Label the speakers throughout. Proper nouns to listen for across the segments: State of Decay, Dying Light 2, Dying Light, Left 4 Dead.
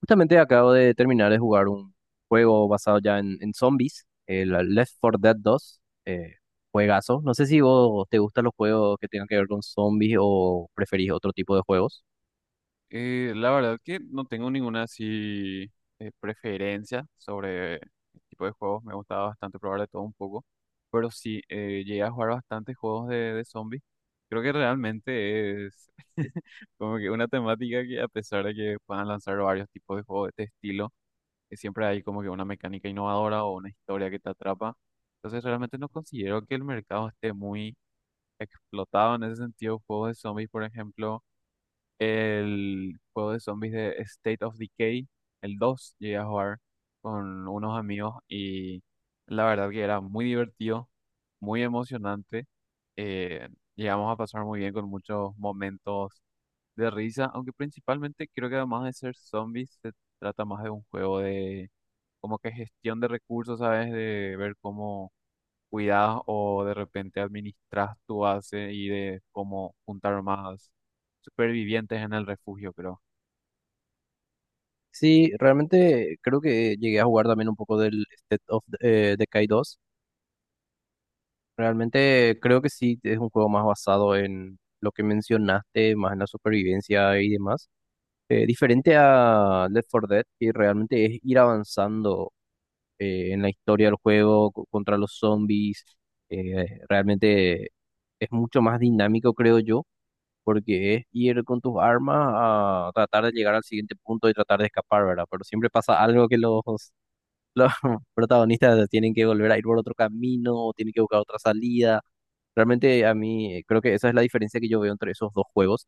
Speaker 1: Justamente acabo de terminar de jugar un juego basado ya en zombies, el Left 4 Dead dos, eh, juegazo. No sé si vos te gustan los juegos que tengan que ver con zombies o preferís otro tipo de juegos.
Speaker 2: La verdad que no tengo ninguna así preferencia sobre el tipo de juegos. Me gustaba bastante probar de todo un poco. Pero sí, llegué a jugar bastantes juegos de zombies. Creo que realmente es como que una temática que, a pesar de que puedan lanzar varios tipos de juegos de este estilo, que siempre hay como que una mecánica innovadora o una historia que te atrapa. Entonces realmente no considero que el mercado esté muy explotado en ese sentido. Juegos de zombies, por ejemplo. El juego de zombies de State of Decay, el dos, llegué a jugar con unos amigos y la verdad que era muy divertido, muy emocionante. eh, Llegamos a pasar muy bien con muchos momentos de risa, aunque principalmente creo que, además de ser zombies, se trata más de un juego de como que gestión de recursos, ¿sabes? De ver cómo cuidas o de repente administras tu base y de cómo juntar más supervivientes en el refugio, creo.
Speaker 1: Sí, realmente creo que llegué a jugar también un poco del State of Decay dos. Realmente creo que sí es un juego más basado en lo que mencionaste, más en la supervivencia y demás. Diferente a Left 4 Dead, que realmente es ir avanzando, en la historia del juego, contra los zombies. Realmente es mucho más dinámico, creo yo, porque es ir con tus armas a tratar de llegar al siguiente punto y tratar de escapar, ¿verdad? Pero siempre pasa algo que los protagonistas tienen que volver a ir por otro camino, o tienen que buscar otra salida. Realmente a mí, creo que esa es la diferencia que yo veo entre esos dos juegos,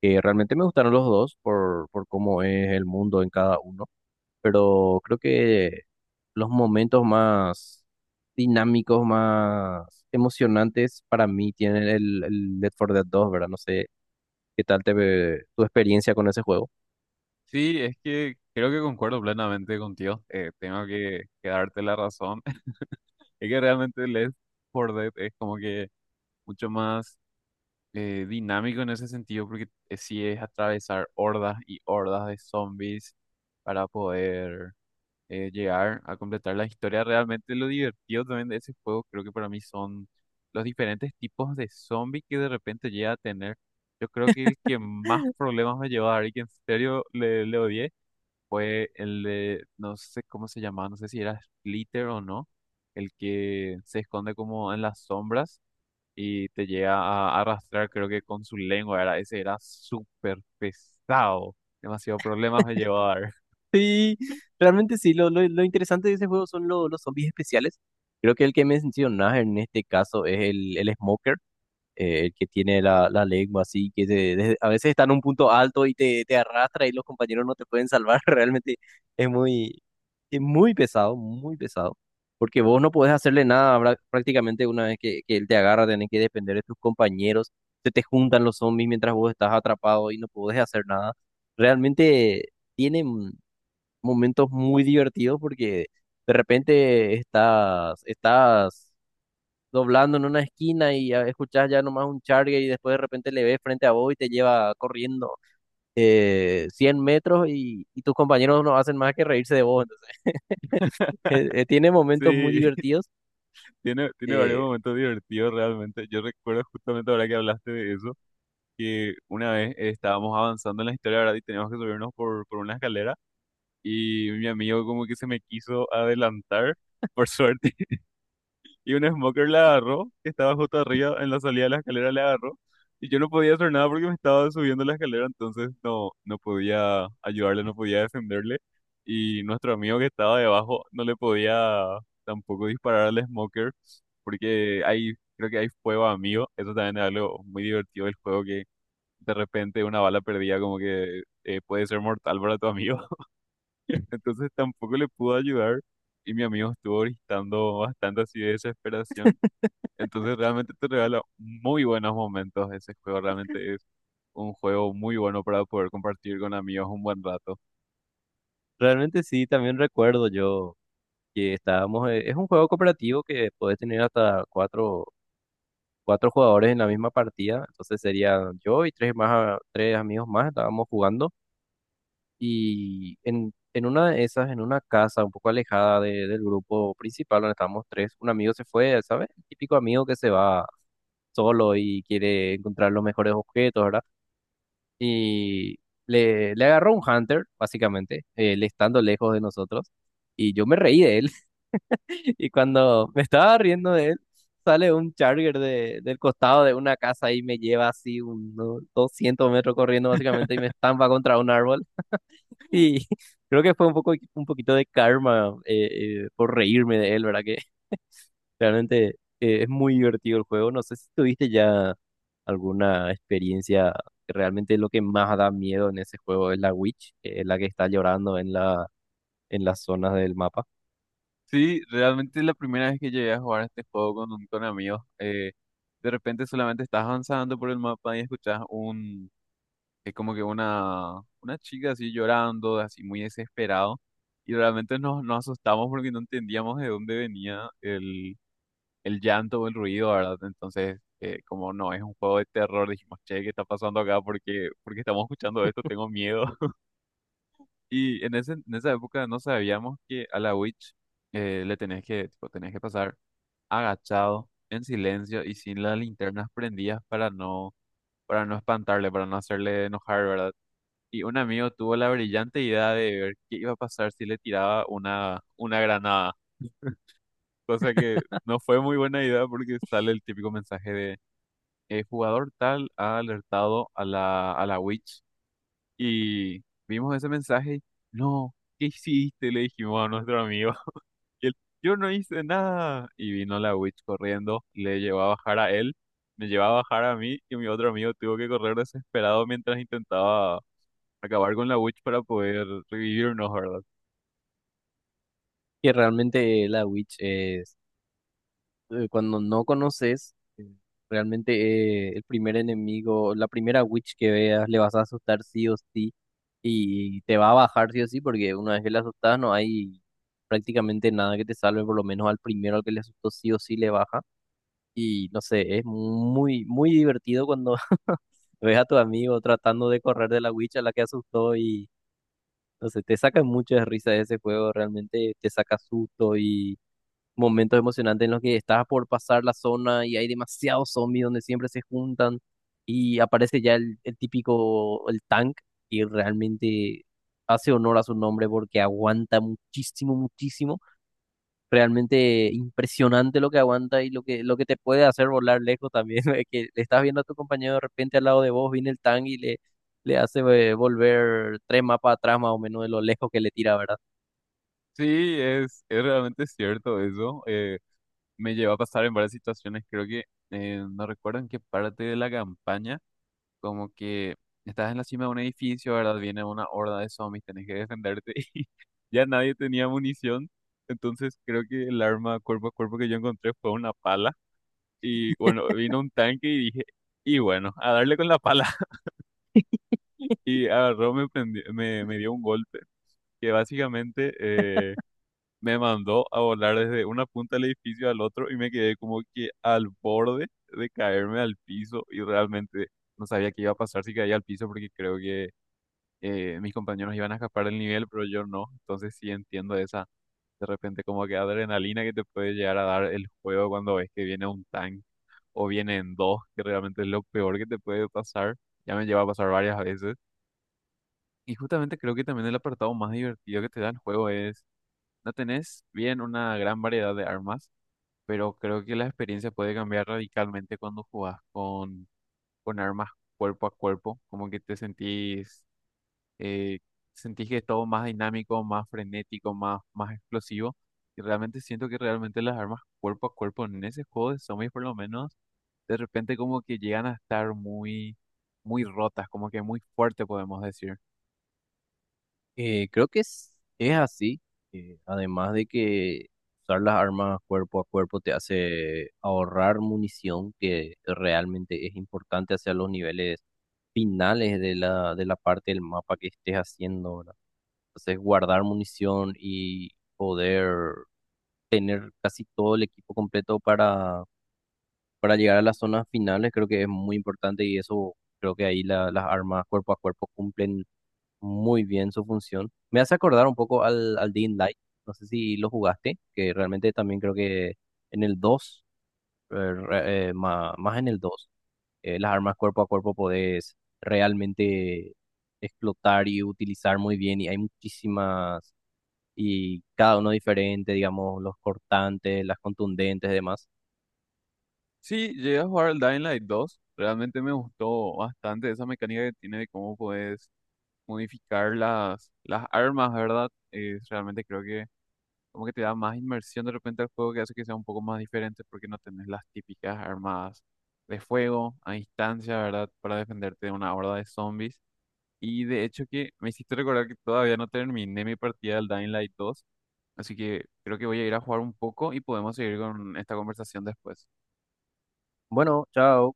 Speaker 1: que realmente me gustaron los dos por cómo es el mundo en cada uno, pero creo que los momentos más dinámicos, más emocionantes para mí tienen el Left 4 Dead 2, ¿verdad? No sé qué tal te ve tu experiencia con ese juego.
Speaker 2: Sí, es que creo que concuerdo plenamente contigo. Tengo que darte la razón. Es que realmente Left 4 Dead es como que mucho más dinámico en ese sentido, porque sí, es atravesar hordas y hordas de zombies para poder. Llegar a completar la historia. Realmente lo divertido también de ese juego, creo que para mí son los diferentes tipos de zombie que de repente llega a tener. Yo creo que el que más problemas me llevó a dar y que en serio le odié fue el de, no sé cómo se llamaba, no sé si era Splitter o no, el que se esconde como en las sombras y te llega a arrastrar, creo que con su lengua, era, ese era súper pesado. Demasiado problemas me llevó a dar.
Speaker 1: Sí, realmente sí, lo interesante de ese juego son los zombies especiales. Creo que el que mencionas en este caso es el Smoker. El que tiene la lengua así, que a veces está en un punto alto y te arrastra, y los compañeros no te pueden salvar. Realmente es muy, es muy pesado, muy pesado. Porque vos no podés hacerle nada, prácticamente una vez que él te agarra, tenés que depender de tus compañeros. Se te juntan los zombies mientras vos estás atrapado y no podés hacer nada. Realmente tiene momentos muy divertidos, porque de repente estás doblando en una esquina y escuchás ya nomás un charge, y después de repente le ves frente a vos y te lleva corriendo 100 metros, y tus compañeros no hacen más que reírse de vos. Entonces, tiene momentos muy
Speaker 2: Sí.
Speaker 1: divertidos.
Speaker 2: Tiene varios
Speaker 1: eh,
Speaker 2: momentos divertidos realmente. Yo recuerdo justamente ahora que hablaste de eso, que una vez estábamos avanzando en la historia, ¿verdad? Y teníamos que subirnos por una escalera, y mi amigo como que se me quiso adelantar, por suerte, y un smoker la agarró, que estaba justo arriba en la salida de la escalera, la agarró, y yo no podía hacer nada porque me estaba subiendo la escalera, entonces no podía ayudarle, no podía defenderle, y nuestro amigo que estaba debajo no le podía tampoco disparar al smoker, porque ahí creo que hay fuego amigo, eso también es algo muy divertido del juego, que de repente una bala perdida como que puede ser mortal para tu amigo, entonces tampoco le pudo ayudar. Y mi amigo estuvo gritando bastante, así de desesperación, entonces realmente te regala muy buenos momentos ese juego. Realmente es un juego muy bueno para poder compartir con amigos un buen rato.
Speaker 1: realmente sí, también recuerdo yo que es un juego cooperativo que podés tener hasta cuatro jugadores en la misma partida, entonces sería yo y tres más, tres amigos más estábamos jugando. Y en una de esas, en una casa un poco alejada del grupo principal donde estábamos tres, un amigo se fue, ¿sabes? El típico amigo que se va solo y quiere encontrar los mejores objetos, ¿verdad? Y le agarró un hunter, básicamente, él estando lejos de nosotros. Y yo me reí de él. Y cuando me estaba riendo de él, sale un charger del costado de una casa y me lleva así unos 200 metros corriendo, básicamente, y me estampa contra un árbol. Sí, creo que fue un poco, un poquito de karma, por reírme de él, ¿verdad? Que, realmente, es muy divertido el juego. No sé si tuviste ya alguna experiencia. Que realmente lo que más da miedo en ese juego es la Witch, la que está llorando en las zonas del mapa.
Speaker 2: Sí, realmente la primera vez que llegué a jugar este juego con, un- con amigos, de repente solamente estás avanzando por el mapa y escuchas un, es como que una chica así llorando, así muy desesperado, y realmente nos asustamos porque no entendíamos de dónde venía el llanto o el ruido, ¿verdad? Entonces, como no es un juego de terror, dijimos, che, ¿qué está pasando acá? Porque estamos escuchando esto, tengo miedo. Y en ese, en esa época no sabíamos que a la Witch le tenés que, tipo, tenés que pasar agachado, en silencio y sin las linternas prendidas para no espantarle, para no hacerle enojar, ¿verdad? Y un amigo tuvo la brillante idea de ver qué iba a pasar si le tiraba una granada. Cosa que no fue muy buena idea, porque sale el típico mensaje de jugador tal ha alertado a la witch, y vimos ese mensaje. Y, no, ¿qué hiciste? Le dijimos a nuestro amigo. Y él, yo no hice nada. Y vino la witch corriendo, le llevó a bajar a él, me llevó a bajar a mí, y mi otro amigo tuvo que correr desesperado mientras intentaba acabar con la witch para poder revivirnos, ¿verdad?
Speaker 1: Que realmente la Witch es, cuando no conoces, realmente, el primer enemigo, la primera witch que veas, le vas a asustar sí o sí, y te va a bajar sí o sí, porque una vez que le asustas no hay prácticamente nada que te salve. Por lo menos al primero al que le asustó sí o sí le baja. Y no sé, es muy, muy divertido cuando ves a tu amigo tratando de correr de la witch a la que asustó, y no sé, te saca mucho de risa ese juego, realmente te saca susto, momentos emocionantes en los que estás por pasar la zona y hay demasiados zombies donde siempre se juntan, y aparece ya el típico, el tank, y realmente hace honor a su nombre porque aguanta muchísimo, muchísimo. Realmente impresionante lo que aguanta y lo que te puede hacer volar lejos también. Es que le estás viendo a tu compañero de repente al lado de vos, viene el tank y le hace, volver tres mapas atrás más o menos de lo lejos que le tira, ¿verdad?
Speaker 2: Sí, es realmente cierto eso. Me llevó a pasar en varias situaciones, creo que no recuerdo en qué parte de la campaña. Como que estás en la cima de un edificio, ¿verdad? Viene una horda de zombies, tenés que defenderte, y ya nadie tenía munición. Entonces creo que el arma cuerpo a cuerpo que yo encontré fue una pala. Y bueno, vino un tanque y dije, y bueno, a darle con la pala. Y agarró, me dio un golpe que básicamente me mandó a volar desde una punta del edificio al otro, y me quedé como que al borde de caerme al piso, y realmente no sabía qué iba a pasar si caía al piso, porque creo que mis compañeros iban a escapar del nivel, pero yo no. Entonces sí entiendo esa, de repente, como que adrenalina que te puede llegar a dar el juego cuando ves que viene un tank o vienen dos, que realmente es lo peor que te puede pasar. Ya me lleva a pasar varias veces. Y justamente creo que también el apartado más divertido que te da el juego es, no tenés bien una gran variedad de armas, pero creo que la experiencia puede cambiar radicalmente cuando jugás con armas cuerpo a cuerpo, como que te sentís, eh, sentís que es todo más dinámico, más frenético, más, más explosivo. Y realmente siento que realmente las armas cuerpo a cuerpo en ese juego de zombies, por lo menos, de repente como que llegan a estar muy, muy rotas, como que muy fuerte, podemos decir.
Speaker 1: Creo que es así. Además de que usar las armas cuerpo a cuerpo te hace ahorrar munición, que realmente es importante hacia los niveles finales de de la parte del mapa que estés haciendo, ¿verdad? Entonces, guardar munición y poder tener casi todo el equipo completo para llegar a las zonas finales, creo que es muy importante, y eso creo que ahí las armas cuerpo a cuerpo cumplen muy bien su función. Me hace acordar un poco al Dying Light, no sé si lo jugaste, que realmente también creo que en el dos, eh, re- eh, ma- más, en el 2 las armas cuerpo a cuerpo podés realmente explotar y utilizar muy bien, y hay muchísimas, y cada uno diferente, digamos, los cortantes, las contundentes y demás.
Speaker 2: Sí, llegué a jugar al Dying Light 2, realmente me gustó bastante esa mecánica que tiene de cómo puedes modificar las armas, ¿verdad? Es realmente, creo que como que te da más inmersión de repente al juego, que hace que sea un poco más diferente, porque no tenés las típicas armadas de fuego a distancia, ¿verdad? Para defenderte de una horda de zombies. Y de hecho que me hiciste recordar que todavía no terminé mi partida del Dying Light 2, así que creo que voy a ir a jugar un poco y podemos seguir con esta conversación después.
Speaker 1: Bueno, chao.